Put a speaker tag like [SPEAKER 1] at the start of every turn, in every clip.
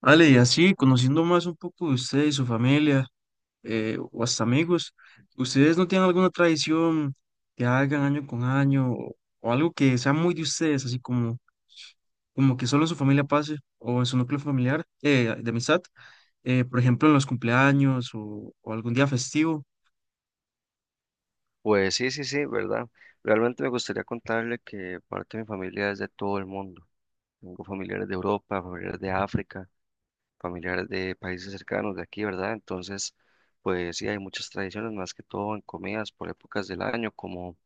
[SPEAKER 1] Ale, y así, conociendo más un poco de usted y su familia, o hasta amigos, ¿ustedes no tienen alguna tradición que hagan año con año o algo que sea muy de ustedes, así como, como que solo en su familia pase o en su núcleo familiar de amistad? Por ejemplo, en los cumpleaños o algún día festivo.
[SPEAKER 2] Pues sí, sí, sí, ¿verdad? Realmente me gustaría contarle que parte de mi familia es de todo el mundo. Tengo familiares de Europa, familiares de África, familiares de países cercanos de aquí, ¿verdad? Entonces, pues sí, hay muchas tradiciones, más que todo en comidas por épocas del año, como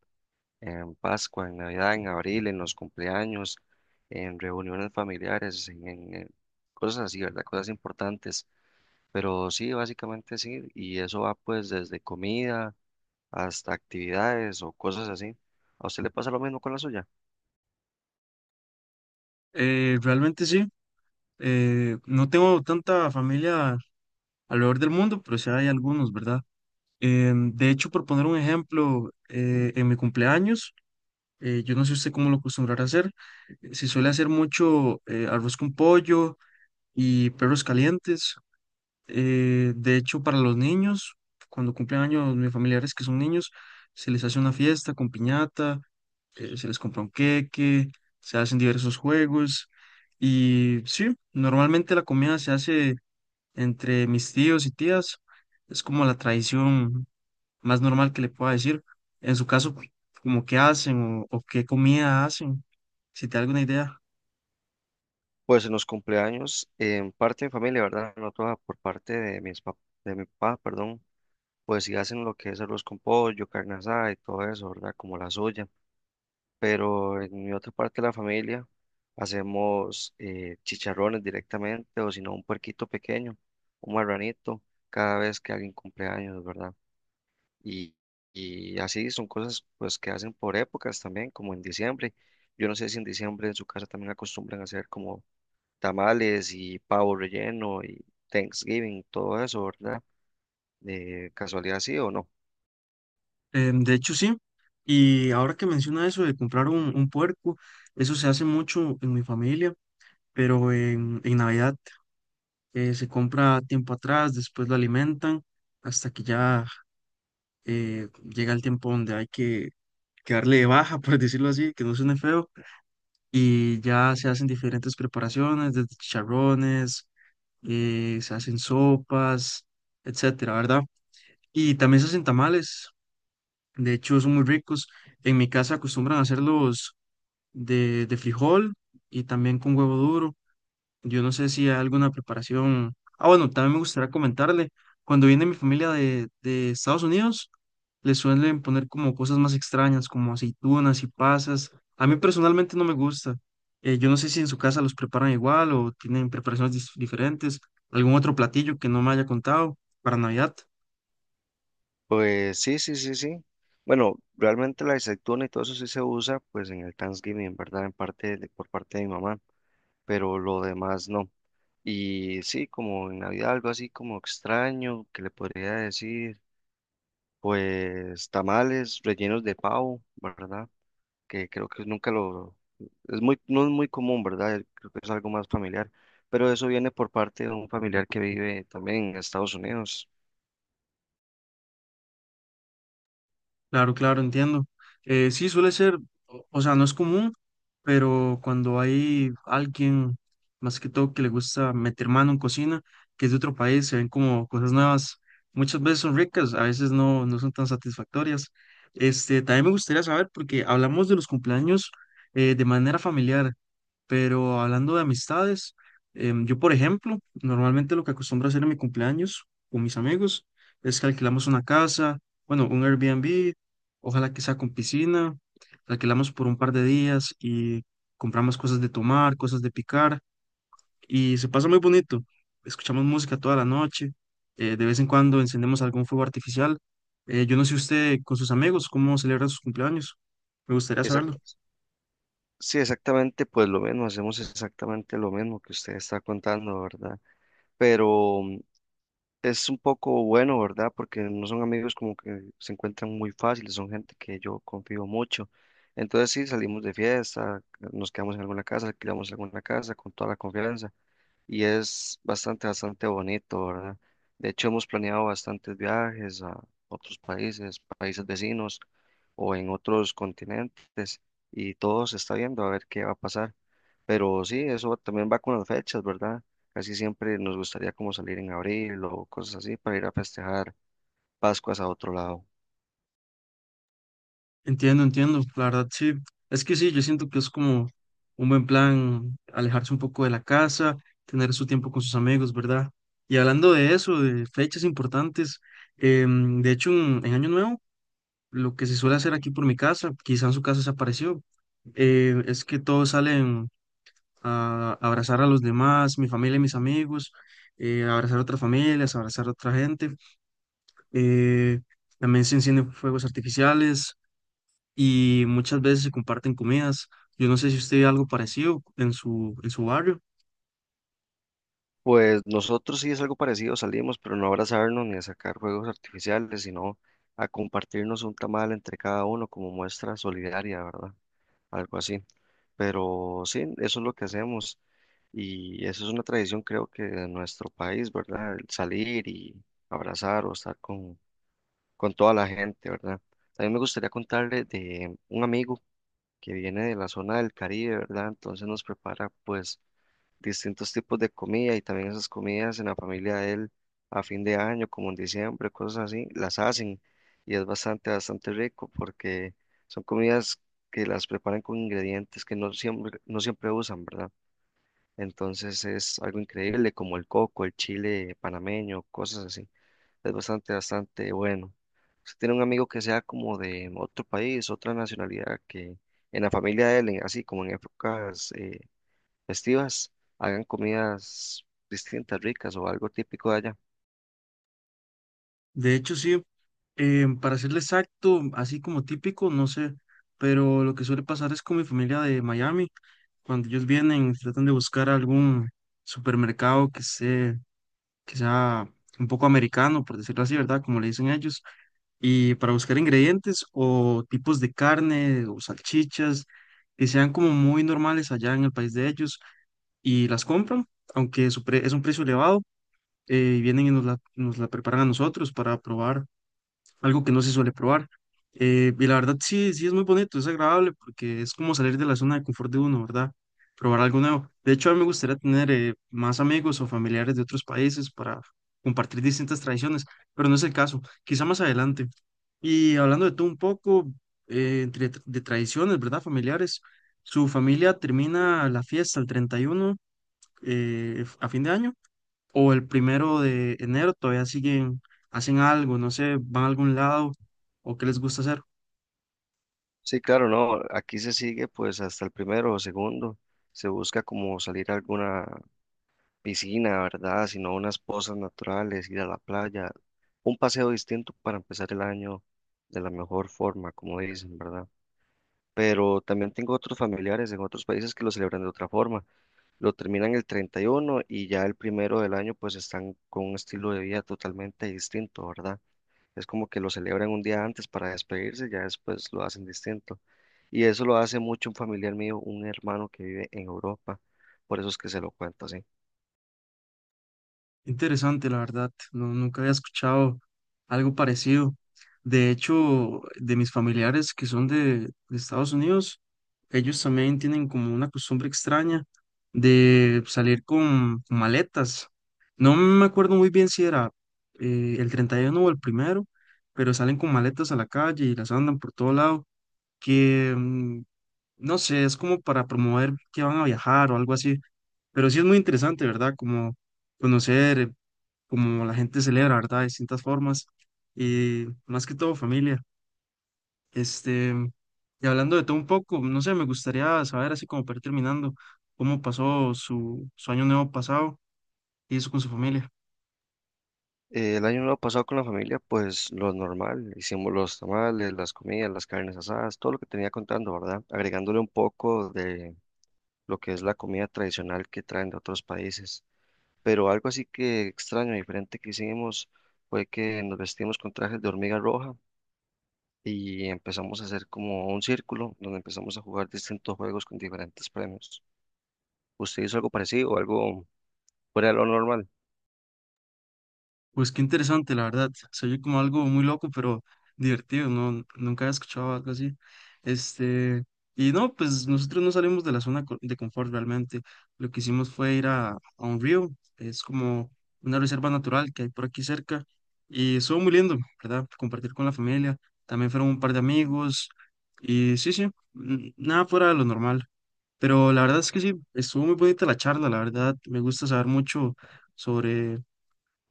[SPEAKER 2] en Pascua, en Navidad, en abril, en los cumpleaños, en reuniones familiares, en cosas así, ¿verdad? Cosas importantes. Pero sí, básicamente sí, y eso va pues desde comida hasta actividades o cosas así. ¿A usted le pasa lo mismo con la suya?
[SPEAKER 1] Realmente sí, no tengo tanta familia alrededor del mundo, pero sí hay algunos, ¿verdad? De hecho, por poner un ejemplo, en mi cumpleaños, yo no sé usted cómo lo acostumbrará a hacer. Si suele hacer mucho arroz con pollo y perros calientes. De hecho, para los niños, cuando cumplen años mis familiares que son niños, se les hace una fiesta con piñata, se les compra un queque, se hacen diversos juegos. Y sí, normalmente la comida se hace entre mis tíos y tías. Es como la tradición más normal que le pueda decir. En su caso, como qué hacen o qué comida hacen, si te da alguna idea.
[SPEAKER 2] Pues en los cumpleaños, en parte de mi familia, ¿verdad? No toda, por parte de de mi papá, perdón, pues sí hacen lo que es arroz con pollo, carne asada y todo eso, ¿verdad? Como la suya. Pero en mi otra parte de la familia hacemos chicharrones directamente o si no un puerquito pequeño, un marranito, cada vez que alguien cumpleaños, ¿verdad? Y, y así son cosas pues que hacen por épocas también, como en diciembre. Yo no sé si en diciembre en su casa también acostumbran a hacer como tamales y pavo relleno y Thanksgiving, todo eso, ¿verdad? De casualidad sí o no.
[SPEAKER 1] De hecho, sí. Y ahora que menciona eso de comprar un puerco, eso se hace mucho en mi familia, pero en Navidad se compra tiempo atrás, después lo alimentan hasta que ya llega el tiempo donde hay que darle de baja, por decirlo así, que no suene feo, y ya se hacen diferentes preparaciones, desde chicharrones. Se hacen sopas, etcétera, ¿verdad? Y también se hacen tamales, de hecho son muy ricos. En mi casa acostumbran a hacerlos de frijol y también con huevo duro. Yo no sé si hay alguna preparación. Ah, bueno, también me gustaría comentarle, cuando viene mi familia de Estados Unidos, le suelen poner como cosas más extrañas, como aceitunas y pasas. A mí personalmente no me gusta. Yo no sé si en su casa los preparan igual o tienen preparaciones diferentes, algún otro platillo que no me haya contado para Navidad.
[SPEAKER 2] Pues sí, sí, sí, sí. Bueno, realmente la aceituna y todo eso sí se usa pues en el Thanksgiving, ¿verdad? En parte de- por parte de mi mamá, pero lo demás no. Y sí, como en Navidad algo así como extraño que le podría decir, pues tamales rellenos de pavo, ¿verdad? Que creo que nunca lo, es muy, no es muy común, ¿verdad? Creo que es algo más familiar, pero eso viene por parte de un familiar que vive también en Estados Unidos.
[SPEAKER 1] Claro, claro, entiendo. Sí, suele ser, o sea, no es común, pero cuando hay alguien, más que todo, que le gusta meter mano en cocina, que es de otro país, se ven como cosas nuevas. Muchas veces son ricas, a veces no, no son tan satisfactorias. Este, también me gustaría saber, porque hablamos de los cumpleaños de manera familiar. Pero hablando de amistades, yo por ejemplo, normalmente lo que acostumbro a hacer en mi cumpleaños con mis amigos es que alquilamos una casa, bueno, un Airbnb, ojalá que sea con piscina, la alquilamos por un par de días y compramos cosas de tomar, cosas de picar y se pasa muy bonito. Escuchamos música toda la noche, de vez en cuando encendemos algún fuego artificial. Yo no sé usted con sus amigos cómo celebra sus cumpleaños, me gustaría saberlo.
[SPEAKER 2] Exact- sí, exactamente, pues lo mismo, hacemos exactamente lo mismo que usted está contando, ¿verdad? Pero es un poco bueno, ¿verdad? Porque no son amigos como que se encuentran muy fáciles, son gente que yo confío mucho. Entonces sí, salimos de fiesta, nos quedamos en alguna casa, alquilamos alguna casa con toda la confianza y es bastante, bastante bonito, ¿verdad? De hecho, hemos planeado bastantes viajes a otros países, países vecinos o en otros continentes y todo se está viendo a ver qué va a pasar. Pero sí, eso también va con las fechas, ¿verdad? Casi siempre nos gustaría como salir en abril o cosas así para ir a festejar Pascuas a otro lado.
[SPEAKER 1] Entiendo, entiendo, la verdad sí. Es que sí, yo siento que es como un buen plan alejarse un poco de la casa, tener su tiempo con sus amigos, ¿verdad? Y hablando de eso, de fechas importantes, de hecho en Año Nuevo, lo que se suele hacer aquí por mi casa, quizá en su casa se apareció, es que todos salen a abrazar a los demás, mi familia y mis amigos, abrazar a otras familias, abrazar a otra gente. eh, También se encienden fuegos artificiales y muchas veces se comparten comidas. Yo no sé si usted ve algo parecido en su barrio.
[SPEAKER 2] Pues nosotros sí es algo parecido, salimos, pero no a abrazarnos ni a sacar juegos artificiales, sino a compartirnos un tamal entre cada uno como muestra solidaria, ¿verdad? Algo así. Pero sí, eso es lo que hacemos y eso es una tradición creo que de nuestro país, ¿verdad? El salir y abrazar o estar con toda la gente, ¿verdad? También me gustaría contarle de un amigo que viene de la zona del Caribe, ¿verdad? Entonces nos prepara pues distintos tipos de comida y también esas comidas en la familia de él a fin de año, como en diciembre, cosas así, las hacen y es bastante, bastante rico porque son comidas que las preparan con ingredientes que no siempre usan, ¿verdad? Entonces es algo increíble como el coco, el chile panameño, cosas así. Es bastante, bastante bueno. Usted tiene un amigo que sea como de otro país, otra nacionalidad, que en la familia de él, en- así como en épocas festivas, hagan comidas distintas, ricas o algo típico de allá.
[SPEAKER 1] De hecho, sí, para serle exacto, así como típico, no sé, pero lo que suele pasar es con mi familia de Miami, cuando ellos vienen, tratan de buscar algún supermercado que sea un poco americano, por decirlo así, ¿verdad? Como le dicen ellos, y para buscar ingredientes o tipos de carne o salchichas que sean como muy normales allá en el país de ellos y las compran, aunque su es un precio elevado, y vienen y nos la preparan a nosotros para probar algo que no se suele probar. Y la verdad sí, sí es muy bonito, es agradable porque es como salir de la zona de confort de uno, ¿verdad? Probar algo nuevo. De hecho, a mí me gustaría tener más amigos o familiares de otros países para compartir distintas tradiciones, pero no es el caso, quizá más adelante. Y hablando de tú un poco, entre de tradiciones, ¿verdad? Familiares, su familia termina la fiesta el 31 a fin de año, o el primero de enero todavía siguen, hacen algo, no sé, van a algún lado o qué les gusta hacer.
[SPEAKER 2] Sí, claro, no, aquí se sigue pues hasta el primero o segundo, se busca como salir a alguna piscina, ¿verdad? Sino unas pozas naturales, ir a la playa, un paseo distinto para empezar el año de la mejor forma, como dicen, ¿verdad? Pero también tengo otros familiares en otros países que lo celebran de otra forma. Lo terminan el 31 y uno y ya el primero del año pues están con un estilo de vida totalmente distinto, ¿verdad? Es como que lo celebran un día antes para despedirse ya después lo hacen distinto. Y eso lo hace mucho un familiar mío, un hermano que vive en Europa. Por eso es que se lo cuento así.
[SPEAKER 1] Interesante, la verdad, no, nunca había escuchado algo parecido. De hecho, de mis familiares que son de Estados Unidos, ellos también tienen como una costumbre extraña de salir con maletas. No me acuerdo muy bien si era el 31 o el primero, pero salen con maletas a la calle y las andan por todo lado. Que, mm, no sé, es como para promover que van a viajar o algo así, pero sí es muy interesante, ¿verdad? Como conocer cómo la gente celebra, ¿verdad? De distintas formas y más que todo familia. Este, y hablando de todo un poco, no sé, me gustaría saber, así como para ir terminando, cómo pasó su año nuevo pasado y eso con su familia.
[SPEAKER 2] El año nuevo pasado con la familia, pues lo normal, hicimos los tamales, las comidas, las carnes asadas, todo lo que tenía contando, ¿verdad? Agregándole un poco de lo que es la comida tradicional que traen de otros países. Pero algo así que extraño, diferente que hicimos fue que nos vestimos con trajes de hormiga roja y empezamos a hacer como un círculo donde empezamos a jugar distintos juegos con diferentes premios. ¿Usted hizo algo parecido o algo fuera de lo normal?
[SPEAKER 1] Pues qué interesante, la verdad. Se oye como algo muy loco, pero divertido, no, nunca había escuchado algo así. Este, y no, pues nosotros no salimos de la zona de confort realmente. Lo que hicimos fue ir a un río, es como una reserva natural que hay por aquí cerca, y estuvo muy lindo, ¿verdad? Compartir con la familia. También fueron un par de amigos, y sí, sí, nada fuera de lo normal. Pero la verdad es que sí, estuvo muy bonita la charla, la verdad. Me gusta saber mucho sobre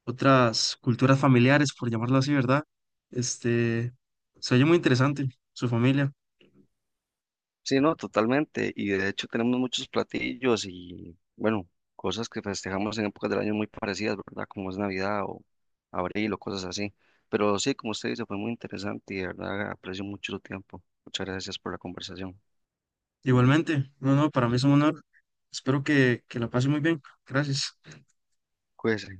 [SPEAKER 1] otras culturas familiares, por llamarlo así, ¿verdad? Este, se oye muy interesante su familia.
[SPEAKER 2] Sí, no, totalmente. Y de hecho tenemos muchos platillos y, bueno, cosas que festejamos en épocas del año muy parecidas, ¿verdad? Como es Navidad o abril o cosas así. Pero sí, como usted dice, fue muy interesante y de verdad aprecio mucho su tiempo. Muchas gracias por la conversación.
[SPEAKER 1] Igualmente, no, no, para mí es un honor. Espero que la pase muy bien. Gracias.
[SPEAKER 2] Cuídese.